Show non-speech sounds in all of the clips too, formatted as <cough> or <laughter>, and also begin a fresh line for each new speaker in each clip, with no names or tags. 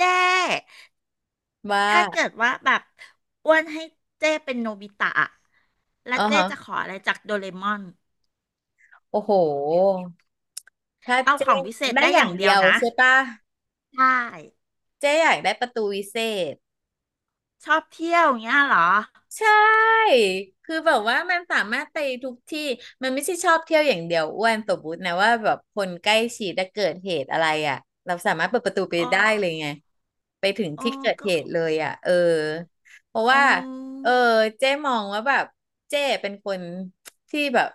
เจ้
ว่า
ถ้าเกิดว่าแบบอ้วนให้เจ้เป็นโนบิตะอะแล้ว
อ๋อ
เจ้
ฮะ
จะขออะไรจากโดเรมอน
โอ้โห ถ้า
เอา
เจ๊
ของวิเศษ
ได้
ได้
อ
อ
ย่า
ย่า
ง
งเดี
เดี
ยว
ยว
นะ
ใช่ปะ
ใช่
เจ๊อยากได้ประตูวิเศษ
ชอบเที่ยวอย่างเงี้ยเหรอ
ใช่คือแบบว่ามันสามารถไปทุกที่มันไม่ใช่ชอบเที่ยวอย่างเดียวอ้วนสมมตินะว่าแบบคนใกล้ชิดจะเกิดเหตุอะไรอ่ะเราสามารถเปิดประตูไป
โอ้
ได้เลยไงไปถึง
โอ้
ที่เกิด
ก็
เหตุเลยอ่ะเออเพราะ
โอ้
ว่าเออเจ๊มองว่าแบบเจ๊เป็นคนที่แบบ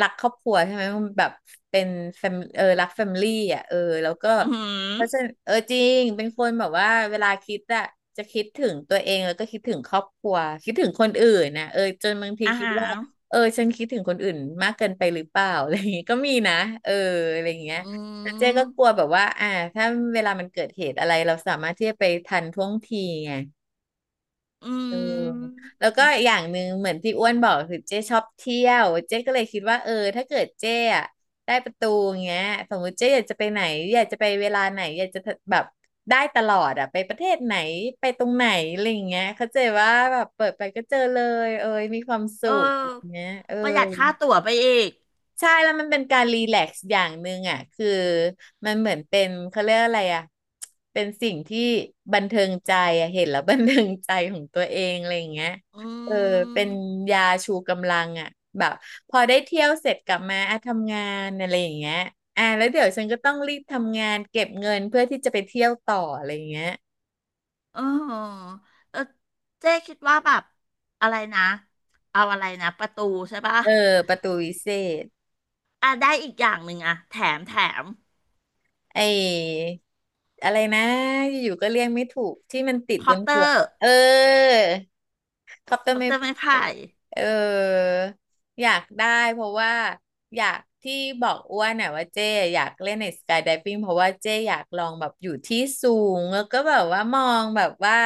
รักครอบครัวใช่ไหมมันแบบเป็น เออรักแฟมิลี่อ่ะเออแล้วก็
อือหือ
เพราะฉะนั้นเออจริงเป็นคนแบบว่าเวลาคิดอะจะคิดถึงตัวเองแล้วก็คิดถึงครอบครัวคิดถึงคนอื่นนะเออจนบางที
อา
คิด
หา
ว่า
ร
เออฉันคิดถึงคนอื่นมากเกินไปหรือเปล่า <laughs> อะไรอย่างงี้ก็มีนะเอออะไรอย่างเงี้ย
อื
แต่เจ๊
ม
ก็กลัวแบบว่าถ้าเวลามันเกิดเหตุอะไรเราสามารถที่จะไปทันท่วงทีไง
อื
เออ
ม
แล้วก็อย่างหนึ่งเหมือนที่อ้วนบอกคือเจ๊ชอบเที่ยวเจ๊ก็เลยคิดว่าเออถ้าเกิดเจ๊อะได้ประตูอย่างเงี้ยสมมติเจ๊อยากจะไปไหนอยากจะไปเวลาไหนอยากจะแบบได้ตลอดอะไปประเทศไหนไปตรงไหนอะไรอย่างเงี้ยเข้าใจว่าแบบเปิดไปก็เจอเลยเอยมีความสุ
เออ
ขอย่างเงี้ยเออ
ประหยัดค่าตั๋วไปอีก
ใช่แล้วมันเป็นการรีแลกซ์อย่างหนึ่งอ่ะคือมันเหมือนเป็นเขาเรียกอะไรอ่ะเป็นสิ่งที่บันเทิงใจอ่ะเห็นแล้วบันเทิงใจของตัวเองอะไรอย่างเงี้ย
อื
เออเป็น
ม
ยาชูกำลังอ่ะแบบพอได้เที่ยวเสร็จกลับมาอ่ะทำงานอะไรอย่างเงี้ยอ่ะแล้วเดี๋ยวฉันก็ต้องรีบทำงานเก็บเงินเพื่อที่จะไปเที่ยวต่ออะไรอย่างเงี้ย
เออเออเจ๊คิดว่าแบบอะไรนะ เอาอะไรนะประตูใช่ปะ
เออประตูวิเศษ
อ่ะได้อีกอย่างหนึ่งอะแถมแถม
ไอ้อะไรนะอยู่ก็เรียกไม่ถูกที่มันติด
ค
บ
อป
น
เต
หั
อ
วก
ร์
เออคอปเตอ
ค
ร์
อป
ไม่
เตอร์ไม้ไผ่
เอออยากได้เพราะว่า อยากที่บอกอ้วนน่ะว่าเจ๊อยากเล่นในสกาย i v ฟิ g งเพราะว่าเจ๊อยากลองแบบอยู่ที่สูงแล้วก็แบบว่ามองแบบว่า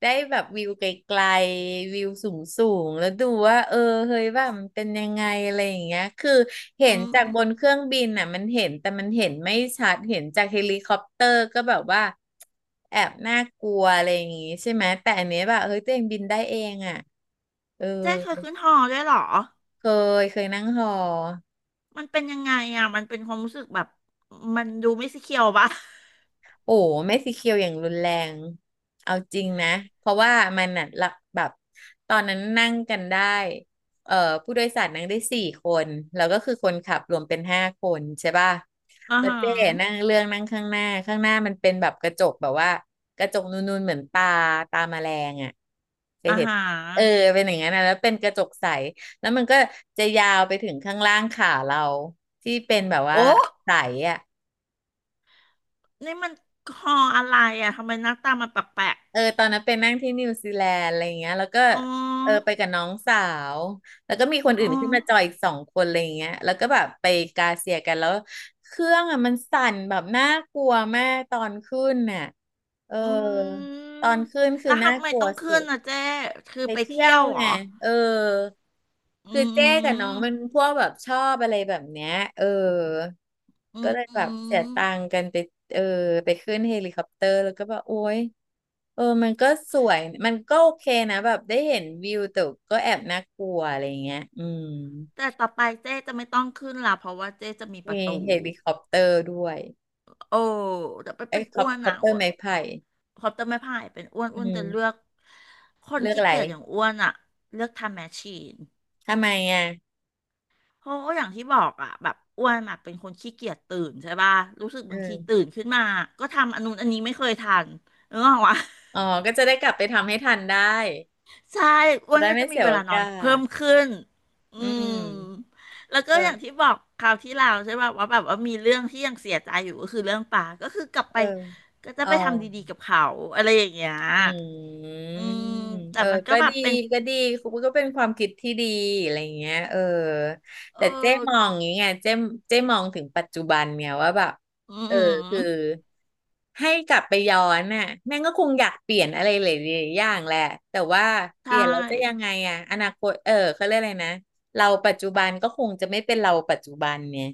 ได้แบบวิวไกลๆวิวสูงๆแล้วดูว่าเออเฮ้ยว่ามันเป็นยังไงอะไรอย่างเงี้ยคือเห็น
อื
จา
ม
กบนเครื่องบินน่ะมันเห็นแต่มันเห็นไม่ชัดเห็นจากเฮลิคอปเตอร์ก็แบบว่าแอบน่ากลัวอะไรอย่างงี้ใช่ไหมแต่อันเนี้ยแบบเฮ้ยตัวเองบินได้เองอ่ะเออ
เจ๊เคยขึ้นหอด้วยเหรอ
เคเคยนั่งหอ
มันเป็นยังไงอะมันเป็นความรู้สึกแบบมันดูไม่สเคียวปะ <laughs>
โอ้ไม่สีเขียวอย่างรุนแรงเอาจริงนะเพราะว่ามันน่ะหลกแบบตอนนั้นนั่งกันได้เอ่อผู้โดยสารนั่งได้สี่คนแล้วก็คือคนขับรวมเป็นห้าคนใช่ป่ะ
อา
แล้ว
ฮา
เจ๊นั่งเรื่องนั่งข้างหน้าข้างหน้ามันเป็นแบบกระจกแบบว่ากระจกนูนๆเหมือนตาแมลงอ่ะเค
อ
ย
อา
เห็น
ฮ
เออ
ะ
เป็นอย่างนั้นนะแล้วเป็นกระจกใสแล้วมันก็จะยาวไปถึงข้างล่างขาเราที่เป็นแบบ
โอ้
ว่าใสอ่ะ
นี่มันหออะไรอะทำไมหน้าตามันแปลก
เออตอนนั้นไปนั่งที่นิวซีแลนด์อะไรอย่างเงี้ยแล้วก็
ๆอ๋
เออ
อ
ไปกับน้องสาวแล้วก็มีคน
อ๋
อื่
อ
นขึ้นมาจอยอีกสองคนอะไรอย่างเงี้ยแล้วก็แบบไปกาเซียกันแล้วเครื่องอ่ะมันสั่นแบบน่ากลัวมากตอนขึ้นน่ะเออ
อืม
ตอนขึ้นคื
แล้
อ
ว
น่า
ทำไม
กลั
ต้
ว
องขึ้
สุ
น
ด
นะเจ๊คือ
ไป
ไป
เที่ย
เที่ย
ว
วเหร
ไง
อ
เออ
อื
คือเจ๊กับน้อง
ม
มันพวกแบบชอบอะไรแบบเนี้ยเออ
อื
ก็
ม
เลย
อื
แบบเสี
ม
ยตังค์กันไป เออ ไปขึ้นเฮลิคอปเตอร์แล้วก็แบบโอ๊ยเออ มันก็สวย มันก็โอเคนะแบบได้เห็นวิวแต่ก็แอบน่ากลัวอะไรเงี้ยอืม
แต่ต่อไปเจ๊จะไม่ต้องขึ้นละเพราะว่าเจ๊จะมีป
มี
ระตู
เฮลิคอปเตอร์ด้วย
โอ้แต่ไป
ไอ้
เป็น
ค
อ้
อป
วน
คอป
อ่ะ
เตอ
อ้
ร์
วน
ไม้ไผ่
ขอบจะไม่พ่ายเป็นอ้วน
อื
อ้วนจะเลือ
ม
กคน
เลือก
ขี้
อะไร
เกียจอย่างอ้วนอ่ะเลือกทำแมชชีน
ทำไมอ่ะ
เพราะว่าอย่างที่บอกอ่ะแบบอ้วนอ่ะเป็นคนขี้เกียจตื่นใช่ป่ะรู้สึก
อื
บางทีตื่
ม
นขึ้นมาก็ทำอันนู้นอันนี้ไม่เคยทันนึกออกวะ
อ๋อ ก็จะได้กลับไปทำให้ทันได้
ใช่อ้
จะ
วน
ได้
ก็
ไม่
จะมี
เสีย
เว
โอ
ลานอ
กา
นเพิ่ม
ส
ขึ้น อื
อืม
มแล้วก็อย่าง
เออ
ที่บอกคราวที่แล้วใช่ป่ะว่าแบบว่ามีเรื่องที่ยังเสียใจอยู่ก็คือเรื่องป่าก็คือกลับไป
เออ
ก็จะ
อ๋อ
ไปทำดีๆกับเขาอะไรอย่างเงี้ย
อื
อื
ม
มแต่
เออ
มัน
ก็
แบ
ดี
บเป็น
ก็ดีคุณก็เป็นความคิดที่ดีอะไรอย่างเงี้ยเออ
เอ
แต่เจ๊
อ
มองอย่างเงี้ยเจ๊มองถึงปัจจุบันเนี่ยว่าแบบ
อื
เออคือ
ม
ให้กลับไปย้อนน่ะแม่งก็คงอยากเปลี่ยนอะไรหลายๆอย่างแหละแต่ว่าเป
ใช่
ลี่ยนแล้วจะยังไงอะอนาคตเออเขาเรียกอะไรนะเราปัจจุบันก็คงจะไม่เป็นเราปัจจุบันเนี่ย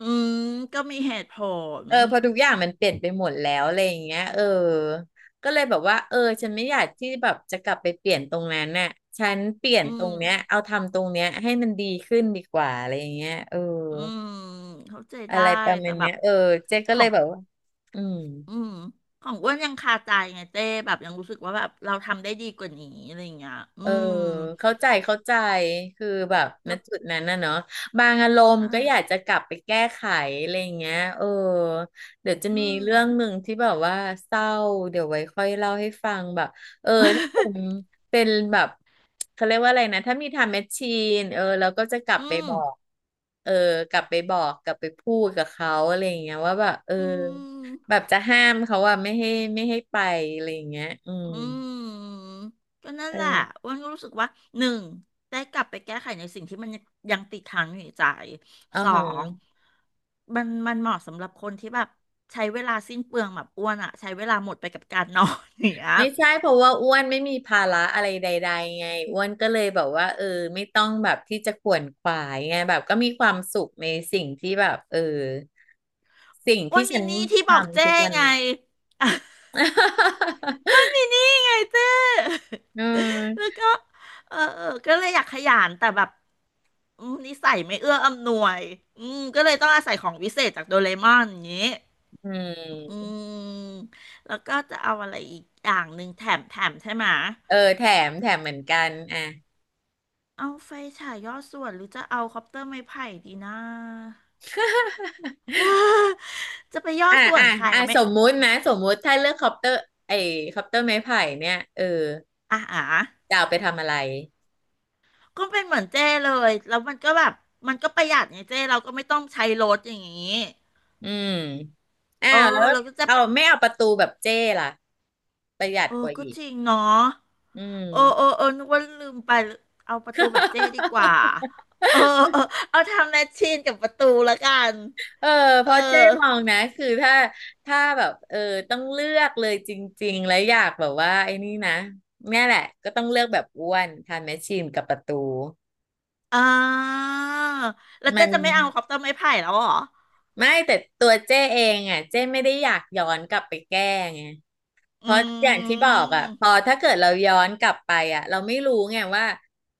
อืมก็มีเหตุผล
เออพอทุกอย่างมันเปลี่ยนไปหมดแล้วอะไรอย่างเงี้ยเออก็เลยแบบว่าเออฉันไม่อยากที่แบบจะกลับไปเปลี่ยนตรงนั้นน่ะฉันเปลี่ยน
อื
ตรง
ม
เนี้ยเอาทำตรงเนี้ยให้มันดีขึ้นดีกว่าอะไรอย่างเงี้ยเออ
อืมเข้าใจ
อะ
ได้
ไรประมา
แต่
ณ
แบ
เนี้
บ
ยเออเจ๊ก็
ข
เล
อ
ย
ง
แบบว่าอืม
อืมของอ้วนยังคาใจไงเจ้แบบยังรู้สึกว่าแบบเราทำได้ดีกว่านี้อะไรอย่างเงี้ยอื
เออ
ม
เข้าใจเข้าใจคือแบบณ
แล้ว
จุดนั้นนะเนาะบางอารมณ์ก็อยาก
อ่า
จะกลับไปแก้ไขอะไรอย่างเงี้ยเดี๋ยวจะ
อื
มี
ม
เรื่องหนึ่งที่แบบว่าเศร้าเดี๋ยวไว้ค่อยเล่าให้ฟังแบบเออถ้าผมเป็นแบบเขาเรียกว่าอะไรนะถ้ามีทำแมชชีนแล้วก็จะกลับ
อื
ไป
ม
บอกเออกลับไปบอกกลับไปพูดกับเขาอะไรอย่างเงี้ยว่าแบบ
อืม
แบบจะห้ามเขาว่าไม่ให้ไม่ให้ไปอะไรอย่างเงี้ยอืม
อืมก็นั่น
เอ
แหละ
อ
อ้วนก็รู้สึกว่าหนึ่งได้กลับไปแก้ไขในสิ่งที่มันยังติดค้างอยู่ในใจ
อ๋อ
สอง
ฮะ
มันเหมาะสำหรับคนที่แบบใช้เวลาสิ้นเปลืองแบบอ้วนอะใช้เวลาหมดไปกับการนอนอย่างเงี้ย
ไม่ใช่เพราะว่าอ้วนไม่มีภาระอะไรใดๆไงอ้วนก็เลยแบบว่าไม่ต้องแบบที่จะขวนขวายไงแบบก็มีความสุขในสิ่งที่แบบสิ่ง
อ้ว
ที่
น
ฉั
มี
น
หนี้ที่บอก
ทำทุ
เจ้
กวัน
ไง มัน
<laughs>
มีนี่ไงเจ้
อื
<laughs> แล้
ม
วก็เออเออก็เลยอยากขยันแต่แบบอืมนิสัยไม่เอื้ออำนวยอืมก็เลยต้องอาศัยของวิเศษจากโดเรมอนอย่างนี้
อื
อื
ม
มแล้วก็จะเอาอะไรอีกอย่างหนึ่งแถมแถมใช่ไหมะ
แถมแถมเหมือนกันอ่ะ
เอาไฟฉายย่อส่วนหรือจะเอาคอปเตอร์ไม้ไผ่ดีนะ
<laughs>
<laughs> จะไปย่อ
อ่ะ
ส่ว
อ่ะ
นใคร
อ่ะ
อะไม่
สมมุตินะสมมุติถ้าเลือกคอปเตอร์ไอ้คอปเตอร์ไม้ไผ่เนี่ย
อ่าอ่า
จะเอาไปทำอะไร
ก็เป็นเหมือนเจ้เลย แล้วมันก็แบบมันก็ประหยัดไงเจ้เราก็ไม่ต้องใช้รถอย่างนี้
อืมอ้า
เออ
วแล้ว
เราก็จะ
เอาไม่เอาประตูแบบเจ้ล่ะประหยัด
เอ
ก
อ
ว่า
ก็
อีก
จริงเนาะ
อื
เออเอ
ม
อเออนึกว่าลืมไปเอาประตูแบบเจ้ดีกว่าเออเออเอาทำแมชชีนกับประตูละกัน
เออเพ
เออ
ราะเจ๊มองนะคือถ้าแบบต้องเลือกเลยจริงๆแล้วอยากแบบว่าไอ้นี่นะเนี่ยแหละก็ต้องเลือกแบบอ้วนทานแมชชีนกับประตู
อ่าแล้ว
มั
เจ๊
น
จะไม่เอาคอปเตอร์ไม้ไผ่แล้วเหรอ
ไม่แต่ตัวเจ๊เองอ่ะเจ๊ไม่ได้อยากย้อนกลับไปแก้ไง เพ
อื
ราะอย่างที่บอกอ่ะพอ
ม
ถ้าเกิดเราย้อนกลับไปอ่ะเราไม่รู้ไงว่า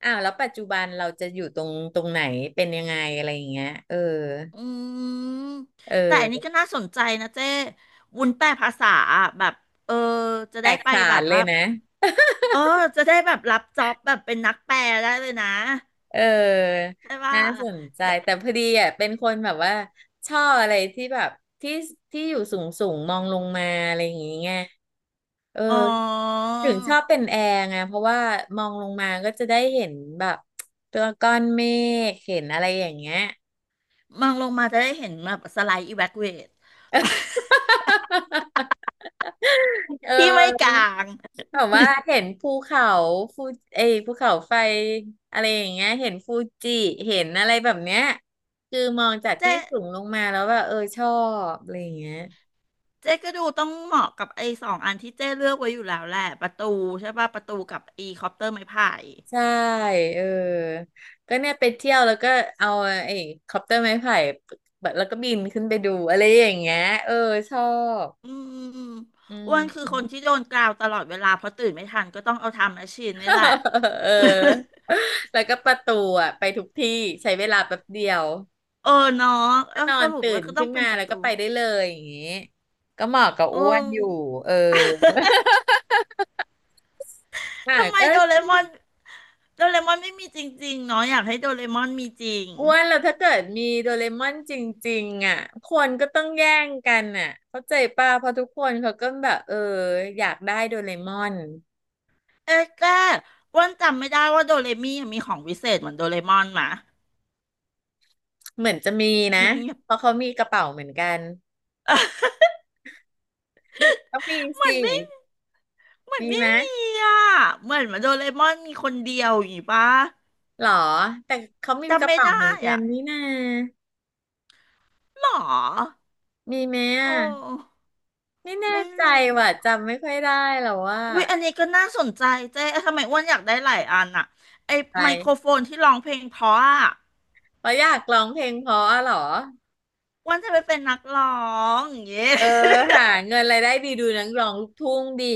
อ้าวแล้วปัจจุบันเราจะอยู่ตรงไหนเป็นยังไงอะไรอย่างเงี้ยเออ
อืม
เ
แต่อันนี้
ออ
ก็น่าสนใจนะเจ้วุ้นแปลภาษาอะแบบเออจะ
แต
ได้
ก
ไป
ฉา
แบ
น
บ
เล
ว่า
ยนะ
เออจะได้แบบรับจ็อบแบบเป็นนักแปลได้เลยนะ
เออ
ใช่ป่ะ
น่าสนใจแต่พอดีอ่ะเป็นคนแบบว่าชอบอะไรที่แบบที่ที่อยู่สูงสูงมองลงมาอะไรอย่างเงี้ยเออ
อ๋อ
ถึงชอบเป็นแอร์ไงเพราะว่ามองลงมาก็จะได้เห็นแบบตัวก้อนเมฆเห็นอะไรอย่างเงี้ย
มองลงมาจะได้เห็นแบบสไลด์อีแวคเว <laughs> ท
<laughs> เ
ที่ไม่ก
อ
ลา
อ
ง
แบบว่าเห็นภูเขาฟูเอยภูเขาไฟอะไรอย่างเงี้ยเห็นฟูจิเห็นอะไรแบบเนี้ยคือมองจาก
เจ๊
ที่สูงลงมาแล้วว่าเออชอบอะไรอย่างเงี้ย
เจ๊ก็ดูต้องเหมาะกับไอ้สองอันที่เจ๊เลือกไว้อยู่แล้วแหละประตูใช่ป่ะประตูกับไอีคอปเตอร์ไม้พาย
ใช่เออก็เนี่ยไปเที่ยวแล้วก็เอาไอ้คอปเตอร์ไม้ไผ่แบบแล้วก็บินขึ้นไปดูอะไรอย่างเงี้ยเออชอบ
อืม
อื
อ้วนคือคน
ม
ที่โดนกราวตลอดเวลาเพราะตื่นไม่ทันก็ต้องเอาทำแมชชีนนี่แหละ
<laughs> เออ
<laughs>
แล้วก็ประตูอ่ะไปทุกที่ใช้เวลาแป๊บเดียว
เออเนาะเอ
ก็
อ
นอ
ส
น
รุป
ตื่
ว
น
ก็ต้อ
ขึ้
ง
น
เป็น
มา
ประ
แล้ว
ตู
ก็ไปได้เลยอย่างงี้ก็เหมาะกับ
โอ
อ้วนอยู่
้
เอออ่ะ
ทำไม
ก็
โดเรมอนโดเรมอนไม่มีจริงๆ เนาะอยากให้โดเรมอนมีจริง
อ้วนแล้วถ้าเกิดมีโดเรมอนจริงๆอ่ะคนก็ต้องแย่งกันอ่ะเข้าใจป่ะเพราะทุกคนเขาก็แบบอยากได้โดเรมอน
เอ๊ะแกอ้วันจำไม่ได้ว่าโดเรมี่มีของวิเศษเหมือนโดเรมอนหมะ
เหมือนจะมีนะ
<laughs> เงียบ
เพราะเขามีกระเป๋าเหมือนกันต้องมี
ๆเหมือ
สิ
นไม่เหมือน
มี
ไม่
ไหม
มีอ่ะเหมือนมาโดเรมอนมีคนเดียวอย่างงี้ปะ
หรอแต่เขามีก
จำ
ระ
ไม่
เป๋าเห
ได้
มือนกัน
อ่ะ
นี่นา
หรอ
มีไหม
โอ
อ่ะ
้
ไม่แน่
ไม่
ใจ
รู้
ว่ะ
อะ
จำไม่ค่อยได้แล้วว่า
อุ้ยอันนี้ก็น่าสนใจเจ๊ทำไมอ้วนอยากได้หลายอันอ่ะไอ
อะไร
ไมโครโฟนที่ร้องเพลงเพราะอ่ะ
เพราะอยากร้องเพลงเพราะอะเหรอ
อ้วนจะไปเป็นนักร้องอย่างเงี้ย
เออหาเงินรายได้ดีดูนักร้องลูกทุ่งดี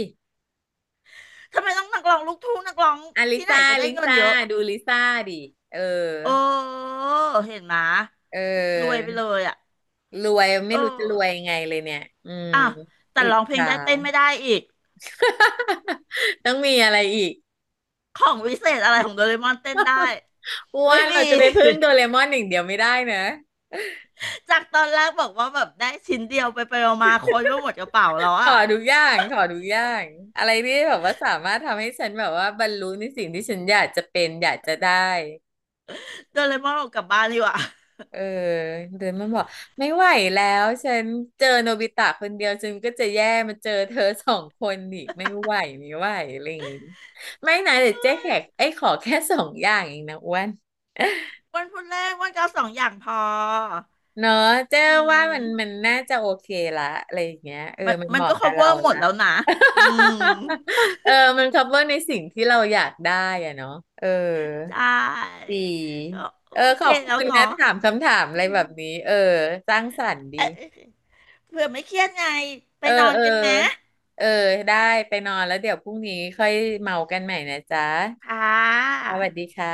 <laughs> ทำไมต้องนักร้องลูกทุ่งนักร้อง
อะลิ
ที่ไหน
ซ่า
ก็ได้
ลิ
เงิน
ซ่า
เยอะ
ดูลิซ่าดิเออ
เออเห็นไหม
เ
รวย
ออ
ไปเลยอ่ะ
รวยไม่
เออ
รู้จะรวยยังไงเลยเนี่ยอืม
อ่ะแต่
อิจ
ร้องเพลง
ฉา
ได้เต้นไม่ได้อีก
<laughs> ต้องมีอะไรอีก
ของวิเศษอะไรของโดเรมอนเต้นได้
อ้ว
ไม่
นเรา
มี
จะไปพึ่งโดเรมอนอย่างเดียวไม่ได้นะ
<laughs> จากตอนแรกบอกว่าแบบได้ชิ้นเดียวไปไปมาๆคนก็หมดกระเป๋าแล้ว
ข
อ่ะ
อทุกอย่างขอทุกอย่างอะไรที่แบบว่าสามารถทำให้ฉันแบบว่าบรรลุในสิ่งที่ฉันอยากจะเป็นอยากจะได้
โดเรมอนออกกลับบ้านดีกว่า
เออเดินมาบอกไม่ไหวแล้วฉันเจอโนบิตะคนเดียวฉันก็จะแย่มาเจอเธอสองคนอีกไม่ไหวไม่ไหวอะไรอย่างงี้ไม่นะเดี๋ยวเจ๊แขกไอ้ยขอแค่สองอย่างเองนะอ้วน
<laughs> วันพุธแรกวันก็เอาสองอย่างพอ
เนาะเจ๊
อื
ว่ามัน
ม
มันน่าจะโอเคละอะไรอย่างเงี้ย
มัน
มัน
มั
เห
น
มาะ
ก็
กับเรา
cover หมด
นะ
แล้วนะอืม
<laughs> เออมัน cover ในสิ่งที่เราอยากได้อะเนาะเออ
ใช่
ดี
ก็
เออ
โอ
ข
เค
อบ
แล้
คุ
ว
ณ
เนาะ
นะถามคำถามอะ
อื
ไร
ม
แบบนี้เออสร้างสรรค์ดี
เอ๊ะเผื่อไม่เครียดไงไป
เออ
นอน
เออ
กันไหม
เออได้ไปนอนแล้วเดี๋ยวพรุ่งนี้ค่อยเมากันใหม่นะจ๊ะ
ค่
สวัสดี
ะ
ค่ะ